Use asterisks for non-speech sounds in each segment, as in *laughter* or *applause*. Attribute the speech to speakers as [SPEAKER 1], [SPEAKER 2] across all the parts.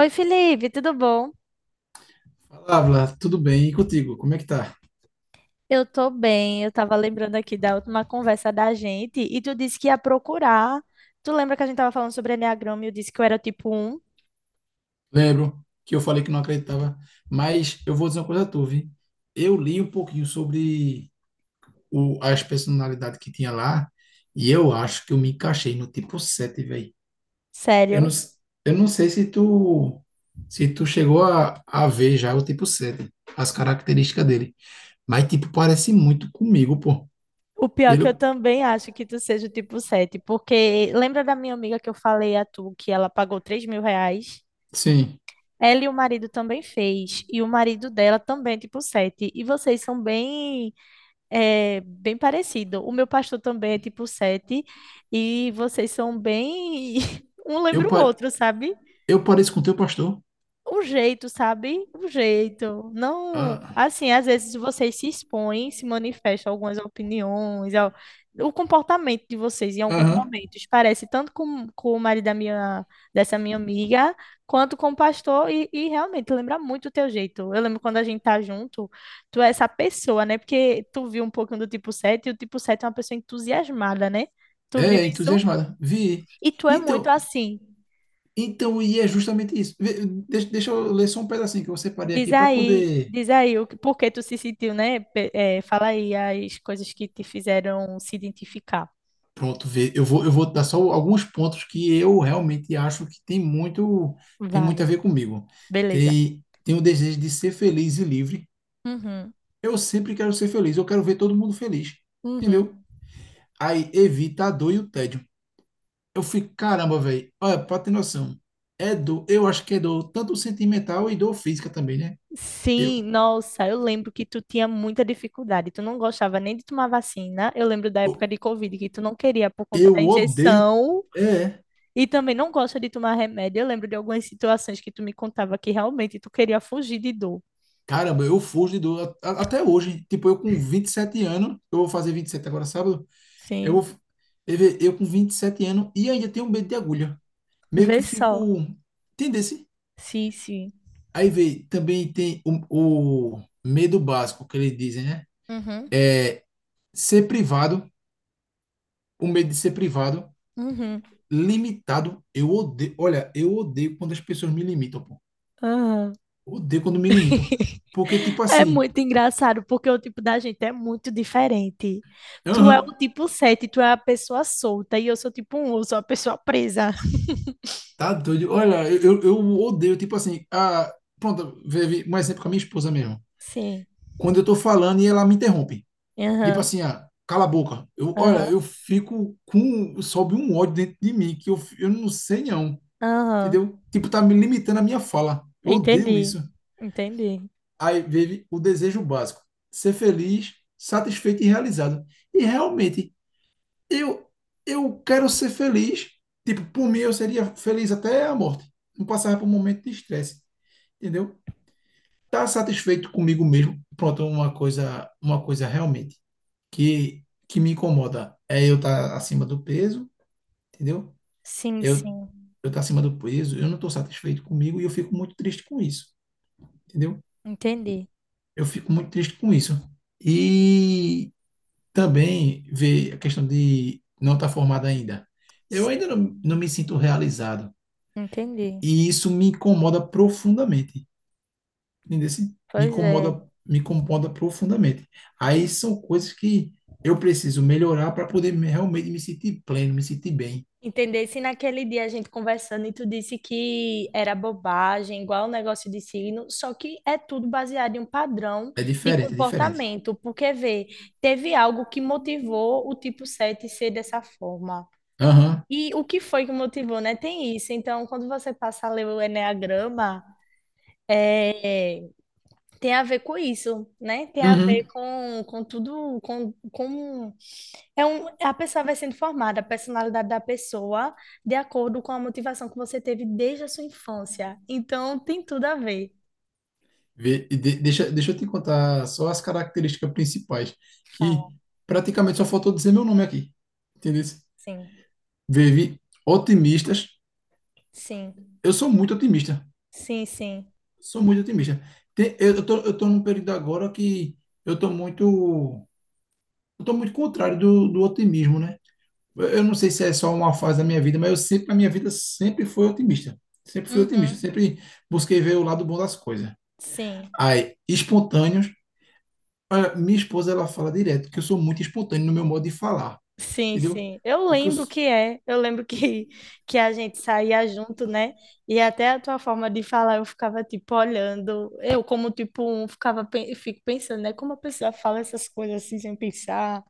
[SPEAKER 1] Oi, Felipe, tudo bom?
[SPEAKER 2] Fala, Vlad, tudo bem? E contigo, como é que tá?
[SPEAKER 1] Eu tô bem. Eu tava lembrando aqui da última conversa da gente e tu disse que ia procurar. Tu lembra que a gente tava falando sobre enneagrama e eu disse que eu era o tipo um.
[SPEAKER 2] Lembro que eu falei que não acreditava, mas eu vou dizer uma coisa a tu, vi? Eu li um pouquinho sobre as personalidades que tinha lá e eu acho que eu me encaixei no tipo 7 velho. Eu não,
[SPEAKER 1] Sério?
[SPEAKER 2] s- eu não sei se tu, se tu chegou a ver já o tipo 7, as características dele, mas tipo parece muito comigo, pô.
[SPEAKER 1] O pior é que
[SPEAKER 2] Pelo,
[SPEAKER 1] eu também acho que tu seja o tipo 7, porque lembra da minha amiga que eu falei a tu que ela pagou R$ 3.000?
[SPEAKER 2] sim,
[SPEAKER 1] Ela e o marido também fez, e o marido dela também é tipo 7. E vocês são bem É bem parecido. O meu pastor também é tipo sete, e vocês são bem. *laughs* Um
[SPEAKER 2] eu,
[SPEAKER 1] lembra o
[SPEAKER 2] pa-
[SPEAKER 1] outro, sabe?
[SPEAKER 2] eu pareço com o teu pastor.
[SPEAKER 1] O jeito, sabe? O jeito. Não,
[SPEAKER 2] Ah.
[SPEAKER 1] assim, às vezes vocês se expõem, se manifestam algumas opiniões, o comportamento de vocês em alguns
[SPEAKER 2] Aham.
[SPEAKER 1] momentos parece tanto com o marido da minha, dessa minha amiga, quanto com o pastor, e realmente lembra muito o teu jeito. Eu lembro quando a gente tá junto, tu é essa pessoa, né? Porque tu viu um pouquinho do tipo 7 e o tipo 7 é uma pessoa entusiasmada, né? Tu viu
[SPEAKER 2] É,
[SPEAKER 1] isso?
[SPEAKER 2] entusiasmada. Vi.
[SPEAKER 1] E tu é muito
[SPEAKER 2] Então,
[SPEAKER 1] assim.
[SPEAKER 2] então, e é justamente isso. Vê. Deixa eu ler só um pedacinho que eu separei aqui para poder.
[SPEAKER 1] Diz aí o que, por que tu se sentiu, né? Fala aí as coisas que te fizeram se identificar.
[SPEAKER 2] Pronto, ver. Eu vou dar só alguns pontos que eu realmente acho que tem muito, tem
[SPEAKER 1] Vai,
[SPEAKER 2] muito a ver comigo.
[SPEAKER 1] beleza.
[SPEAKER 2] Tem o desejo de ser feliz e livre.
[SPEAKER 1] Uhum,
[SPEAKER 2] Eu sempre quero ser feliz. Eu quero ver todo mundo feliz.
[SPEAKER 1] uhum.
[SPEAKER 2] Entendeu? Aí evita a dor e o tédio. Eu fico, caramba, velho. Olha, pra ter noção. É dor, eu acho que é dor tanto sentimental e dor física também, né? Eu.
[SPEAKER 1] Sim, nossa, eu lembro que tu tinha muita dificuldade. Tu não gostava nem de tomar vacina. Eu lembro da época de Covid que tu não queria por conta da
[SPEAKER 2] Eu odeio.
[SPEAKER 1] injeção
[SPEAKER 2] É,
[SPEAKER 1] e também não gosta de tomar remédio. Eu lembro de algumas situações que tu me contava que realmente tu queria fugir de dor.
[SPEAKER 2] caramba, eu fujo do. Até hoje, tipo, eu com 27 anos, eu vou fazer 27 agora sábado, eu
[SPEAKER 1] Sim,
[SPEAKER 2] vou. f- eu com 27 anos e ainda tenho medo de agulha. Meio que
[SPEAKER 1] vê só.
[SPEAKER 2] fico. Entendesse?
[SPEAKER 1] Sim, sim.
[SPEAKER 2] Aí vê, também tem o medo básico que eles dizem, né?
[SPEAKER 1] Uhum,
[SPEAKER 2] É Ser privado, o medo de ser privado,
[SPEAKER 1] uhum.
[SPEAKER 2] limitado. Eu odeio. Olha, eu odeio quando as pessoas me limitam, pô.
[SPEAKER 1] Aham.
[SPEAKER 2] Odeio quando me limitam.
[SPEAKER 1] *laughs*
[SPEAKER 2] Porque, tipo
[SPEAKER 1] É
[SPEAKER 2] assim.
[SPEAKER 1] muito engraçado, porque o tipo da gente é muito diferente. Tu é
[SPEAKER 2] Aham.
[SPEAKER 1] o tipo 7, tu é a pessoa solta, e eu sou tipo um. Eu sou a pessoa presa.
[SPEAKER 2] Tá doido. Olha, eu odeio, tipo assim. Pronto, vive um exemplo com a minha esposa mesmo.
[SPEAKER 1] Sim.
[SPEAKER 2] Quando eu tô falando e ela me interrompe. Tipo
[SPEAKER 1] Aham,
[SPEAKER 2] assim, ah, cala a boca. Eu, olha,
[SPEAKER 1] aham,
[SPEAKER 2] eu fico com, sobe um ódio dentro de mim que eu não sei não,
[SPEAKER 1] aham.
[SPEAKER 2] entendeu? Tipo, tá me limitando a minha fala. Eu odeio
[SPEAKER 1] Entendi.
[SPEAKER 2] isso.
[SPEAKER 1] Entendi.
[SPEAKER 2] Aí vive o desejo básico, ser feliz, satisfeito e realizado. E realmente, eu, eu quero ser feliz. Tipo, por mim eu seria feliz até a morte. Não passava por um momento de estresse. Entendeu? Tá satisfeito comigo mesmo. Pronto, uma coisa realmente que que me incomoda é eu estar tá acima do peso, entendeu?
[SPEAKER 1] Sim,
[SPEAKER 2] Eu
[SPEAKER 1] sim.
[SPEAKER 2] eu tá acima do peso, eu não estou satisfeito comigo e eu fico muito triste com isso, entendeu?
[SPEAKER 1] Entendi.
[SPEAKER 2] Eu fico muito triste com isso. E também ver a questão de não estar formado ainda. Eu
[SPEAKER 1] Sim,
[SPEAKER 2] ainda não me sinto realizado
[SPEAKER 1] entendi.
[SPEAKER 2] e isso me incomoda profundamente. Entendeu? Assim. Me
[SPEAKER 1] Pois é.
[SPEAKER 2] incomoda, me incomoda profundamente. Aí são coisas que eu preciso melhorar para poder realmente me sentir pleno, me sentir bem.
[SPEAKER 1] Entendesse naquele dia a gente conversando e tu disse que era bobagem, igual o negócio de signo, só que é tudo baseado em um padrão
[SPEAKER 2] É
[SPEAKER 1] de
[SPEAKER 2] diferente, é diferente.
[SPEAKER 1] comportamento, porque vê, teve algo que motivou o tipo 7 ser dessa forma.
[SPEAKER 2] Aham.
[SPEAKER 1] E o que foi que motivou, né? Tem isso. Então, quando você passa a ler o enneagrama é, tem a ver com isso, né? Tem a ver
[SPEAKER 2] Uhum.
[SPEAKER 1] com tudo. A pessoa vai sendo formada, a personalidade da pessoa, de acordo com a motivação que você teve desde a sua infância. Então, tem tudo a ver.
[SPEAKER 2] Deixa eu te contar só as características principais,
[SPEAKER 1] Fala.
[SPEAKER 2] que praticamente só faltou dizer meu nome aqui. Entendeu?
[SPEAKER 1] Sim,
[SPEAKER 2] Vive otimistas.
[SPEAKER 1] sim,
[SPEAKER 2] Eu sou muito otimista.
[SPEAKER 1] sim, sim.
[SPEAKER 2] Sou muito otimista. Eu tô num período agora que eu tô muito eu tô muito contrário do otimismo, né? Eu não sei se é só uma fase da minha vida, mas eu sempre, a minha vida sempre foi otimista. Sempre fui otimista,
[SPEAKER 1] Uhum.
[SPEAKER 2] sempre busquei ver o lado bom das coisas.
[SPEAKER 1] Sim.
[SPEAKER 2] Aí, espontâneos, olha, minha esposa ela fala direto que eu sou muito espontâneo no meu modo de falar,
[SPEAKER 1] Sim,
[SPEAKER 2] entendeu?
[SPEAKER 1] sim. Eu
[SPEAKER 2] Porque eu,
[SPEAKER 1] lembro
[SPEAKER 2] s-
[SPEAKER 1] que é. Eu lembro
[SPEAKER 2] e-
[SPEAKER 1] que, *laughs* que a gente saía junto, né? E até a tua forma de falar, eu ficava tipo olhando. Eu, como tipo um, ficava fico pensando, né? Como a pessoa fala essas coisas assim sem pensar,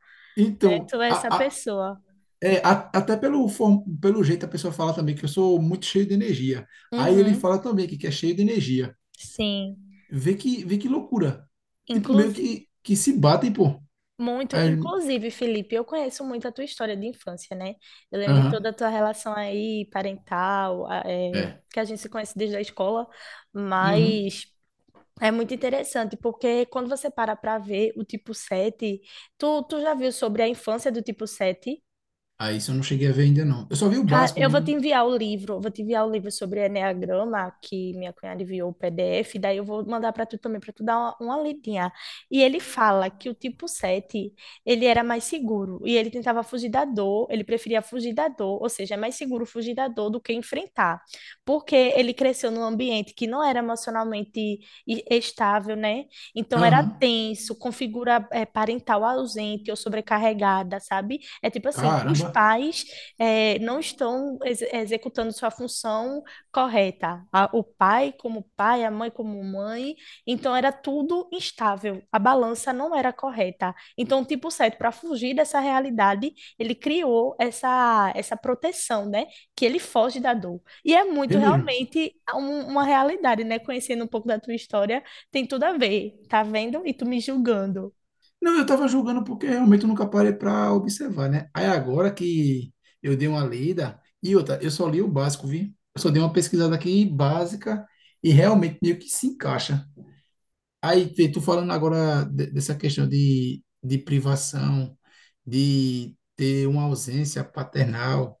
[SPEAKER 1] né?
[SPEAKER 2] então,
[SPEAKER 1] Tu é essa pessoa.
[SPEAKER 2] Pelo jeito a pessoa fala também que eu sou muito cheio de energia. Aí ele
[SPEAKER 1] Uhum.
[SPEAKER 2] fala também que é cheio de energia.
[SPEAKER 1] Sim.
[SPEAKER 2] Vê que loucura. Tipo, meio
[SPEAKER 1] Inclusive,
[SPEAKER 2] que se batem, pô.
[SPEAKER 1] muito,
[SPEAKER 2] Aí,
[SPEAKER 1] inclusive, Felipe, eu conheço muito a tua história de infância, né? Eu lembro de toda
[SPEAKER 2] aham,
[SPEAKER 1] a tua relação aí, parental,
[SPEAKER 2] é.
[SPEAKER 1] que a gente se conhece desde a escola,
[SPEAKER 2] Uhum.
[SPEAKER 1] mas é muito interessante, porque quando você para para ver o tipo 7, tu já viu sobre a infância do tipo 7?
[SPEAKER 2] Ah, isso eu não cheguei a ver ainda, não. Eu só vi o
[SPEAKER 1] Cara,
[SPEAKER 2] básico
[SPEAKER 1] eu vou te
[SPEAKER 2] mesmo.
[SPEAKER 1] enviar o livro, vou te enviar o livro sobre Eneagrama, que minha cunhada enviou o PDF, daí eu vou mandar para tu também, para tu dar uma lidinha. E ele fala que o tipo 7 ele era mais seguro, e ele tentava fugir da dor, ele preferia fugir da dor, ou seja, é mais seguro fugir da dor do que enfrentar, porque ele cresceu num ambiente que não era emocionalmente estável, né? Então era
[SPEAKER 2] Aham.
[SPEAKER 1] tenso, configura parental ausente ou sobrecarregada, sabe? É tipo assim, os
[SPEAKER 2] Caramba.
[SPEAKER 1] pais não estão executando sua função correta. O pai como pai, a mãe como mãe. Então era tudo instável. A balança não era correta. Então o tipo 7, para fugir dessa realidade, ele criou essa proteção, né? Que ele foge da dor. E é muito
[SPEAKER 2] Vê mesmo.
[SPEAKER 1] realmente uma realidade, né? Conhecendo um pouco da tua história, tem tudo a ver. Tá vendo? E tu me julgando.
[SPEAKER 2] Não, eu tava julgando porque realmente eu nunca parei pra observar, né? Aí agora que eu dei uma lida. E outra, eu só li o básico, vi? Eu só dei uma pesquisada aqui básica e realmente meio que se encaixa. Aí, vê, tu falando agora dessa questão de privação, de ter uma ausência paternal,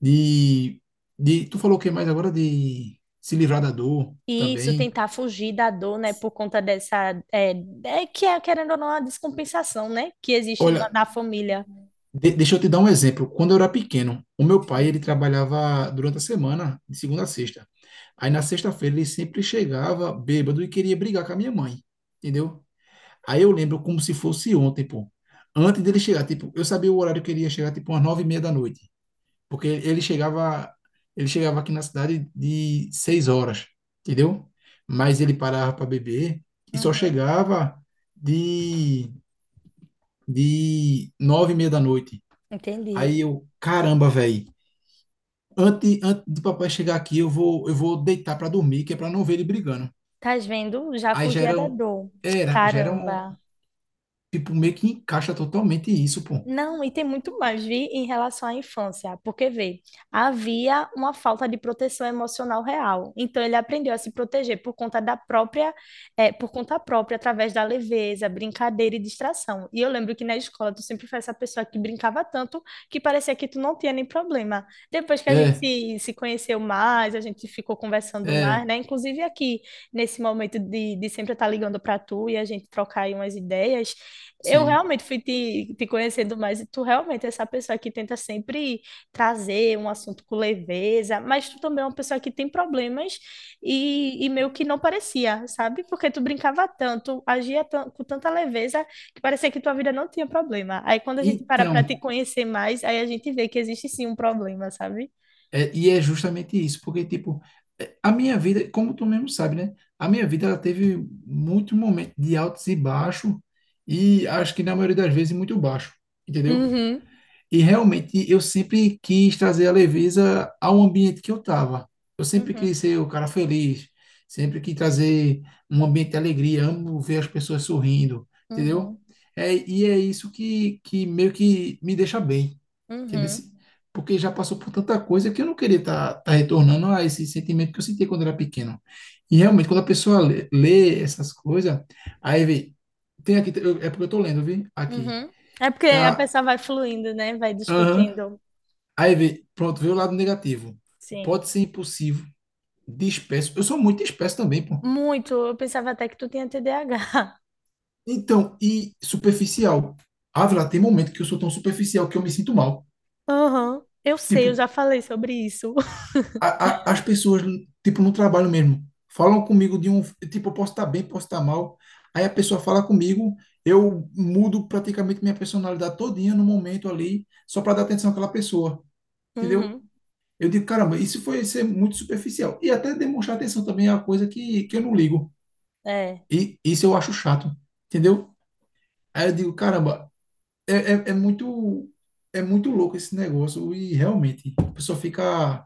[SPEAKER 2] de, de. Tu falou o que mais agora? De se livrar da dor
[SPEAKER 1] Isso,
[SPEAKER 2] também.
[SPEAKER 1] tentar fugir da dor, né, por conta dessa, é, que é, querendo ou não, a descompensação, né, que existe na,
[SPEAKER 2] Olha.
[SPEAKER 1] na família.
[SPEAKER 2] Deixa eu te dar um exemplo. Quando eu era pequeno, o meu pai
[SPEAKER 1] Sim.
[SPEAKER 2] ele trabalhava durante a semana, de segunda a sexta. Aí na sexta-feira ele sempre chegava bêbado e queria brigar com a minha mãe, entendeu? Aí eu lembro como se fosse ontem, pô. Antes dele chegar, tipo, eu sabia o horário que ele ia chegar, tipo, umas 9:30 da noite, porque ele chegava aqui na cidade de 6 horas, entendeu? Mas ele parava para beber e só
[SPEAKER 1] Uhum,
[SPEAKER 2] chegava de de 9:30 da noite.
[SPEAKER 1] entendi.
[SPEAKER 2] Aí eu, caramba, velho. Antes do papai chegar aqui, eu vou deitar pra dormir, que é pra não ver ele brigando.
[SPEAKER 1] Estás vendo? Já
[SPEAKER 2] Aí já
[SPEAKER 1] fugia
[SPEAKER 2] era,
[SPEAKER 1] da
[SPEAKER 2] um-
[SPEAKER 1] dor.
[SPEAKER 2] era, já era um,
[SPEAKER 1] Caramba.
[SPEAKER 2] tipo, meio que encaixa totalmente isso, pô.
[SPEAKER 1] Não, e tem muito mais, vi, em relação à infância, porque vê, havia uma falta de proteção emocional real. Então ele aprendeu a se proteger por conta própria, através da leveza, brincadeira e distração. E eu lembro que na escola tu sempre foi essa pessoa que brincava tanto que parecia que tu não tinha nem problema. Depois que a gente
[SPEAKER 2] É,
[SPEAKER 1] se conheceu mais, a gente ficou conversando mais,
[SPEAKER 2] é,
[SPEAKER 1] né? Inclusive aqui, nesse momento de sempre estar ligando para tu e a gente trocar aí umas ideias. Eu
[SPEAKER 2] sim.
[SPEAKER 1] realmente fui te conhecendo mais e tu realmente é essa pessoa que tenta sempre trazer um assunto com leveza, mas tu também é uma pessoa que tem problemas e meio que não parecia, sabe? Porque tu brincava tanto, com tanta leveza que parecia que tua vida não tinha problema. Aí quando a gente para
[SPEAKER 2] Então,
[SPEAKER 1] para te conhecer mais, aí a gente vê que existe sim um problema, sabe?
[SPEAKER 2] é, e é justamente isso, porque, tipo, é, a minha vida, como tu mesmo sabe, né? A minha vida, ela teve muito momento de altos e baixos, e acho que na maioria das vezes muito baixo, entendeu?
[SPEAKER 1] Uhum.
[SPEAKER 2] E realmente eu sempre quis trazer a leveza ao ambiente que eu estava. Eu sempre
[SPEAKER 1] Uhum,
[SPEAKER 2] quis ser o cara feliz, sempre quis trazer um ambiente de alegria, amo ver as pessoas sorrindo, entendeu?
[SPEAKER 1] uhum,
[SPEAKER 2] É, e é isso que meio que me deixa bem, entendeu?
[SPEAKER 1] uhum,
[SPEAKER 2] Porque já passou por tanta coisa que eu não queria estar tá retornando a esse sentimento que eu senti quando era pequeno. E realmente, quando a pessoa lê essas coisas, aí vê, tem aqui, é porque eu tô lendo, vi? Aqui,
[SPEAKER 1] uhum. É porque a
[SPEAKER 2] tá?
[SPEAKER 1] pessoa vai fluindo, né? Vai
[SPEAKER 2] Aham.
[SPEAKER 1] discutindo.
[SPEAKER 2] Aí vê, pronto, veio o lado negativo.
[SPEAKER 1] Sim.
[SPEAKER 2] Pode ser impulsivo, disperso. Eu sou muito disperso também, pô.
[SPEAKER 1] Muito. Eu pensava até que tu tinha TDAH. *laughs*
[SPEAKER 2] Então, e superficial. Ah, lá tem momento que eu sou tão superficial que eu me sinto mal.
[SPEAKER 1] Aham. Eu sei,
[SPEAKER 2] Tipo,
[SPEAKER 1] eu já falei sobre isso.
[SPEAKER 2] a,
[SPEAKER 1] *laughs*
[SPEAKER 2] as pessoas, tipo, no trabalho mesmo, falam comigo de um. Tipo, eu posso estar bem, posso estar mal. Aí a pessoa fala comigo, eu mudo praticamente minha personalidade todinha no momento ali, só para dar atenção àquela pessoa. Entendeu?
[SPEAKER 1] Uhum.
[SPEAKER 2] Eu digo, caramba, isso foi ser muito superficial. E até demonstrar atenção também é uma coisa que eu não ligo.
[SPEAKER 1] É.
[SPEAKER 2] E isso eu acho chato, entendeu? Aí eu digo, caramba, é, é, é muito é muito louco esse negócio e realmente a pessoa fica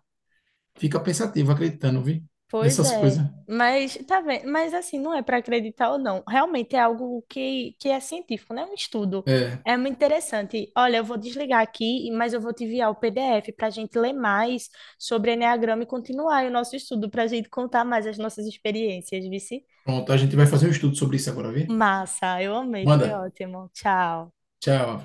[SPEAKER 2] fica pensativa acreditando, viu?
[SPEAKER 1] Pois
[SPEAKER 2] Nessas
[SPEAKER 1] é.
[SPEAKER 2] coisas.
[SPEAKER 1] Mas tá vendo? Mas assim, não é para acreditar ou não. Realmente é algo que é científico, né? É um estudo.
[SPEAKER 2] É,
[SPEAKER 1] É muito interessante. Olha, eu vou desligar aqui, mas eu vou te enviar o PDF para a gente ler mais sobre Eneagrama e continuar aí o nosso estudo para a gente contar mais as nossas experiências, vice?
[SPEAKER 2] pronto, a gente vai fazer um estudo sobre isso agora, viu?
[SPEAKER 1] Massa, eu amei, foi
[SPEAKER 2] Manda.
[SPEAKER 1] ótimo. Tchau.
[SPEAKER 2] Tchau.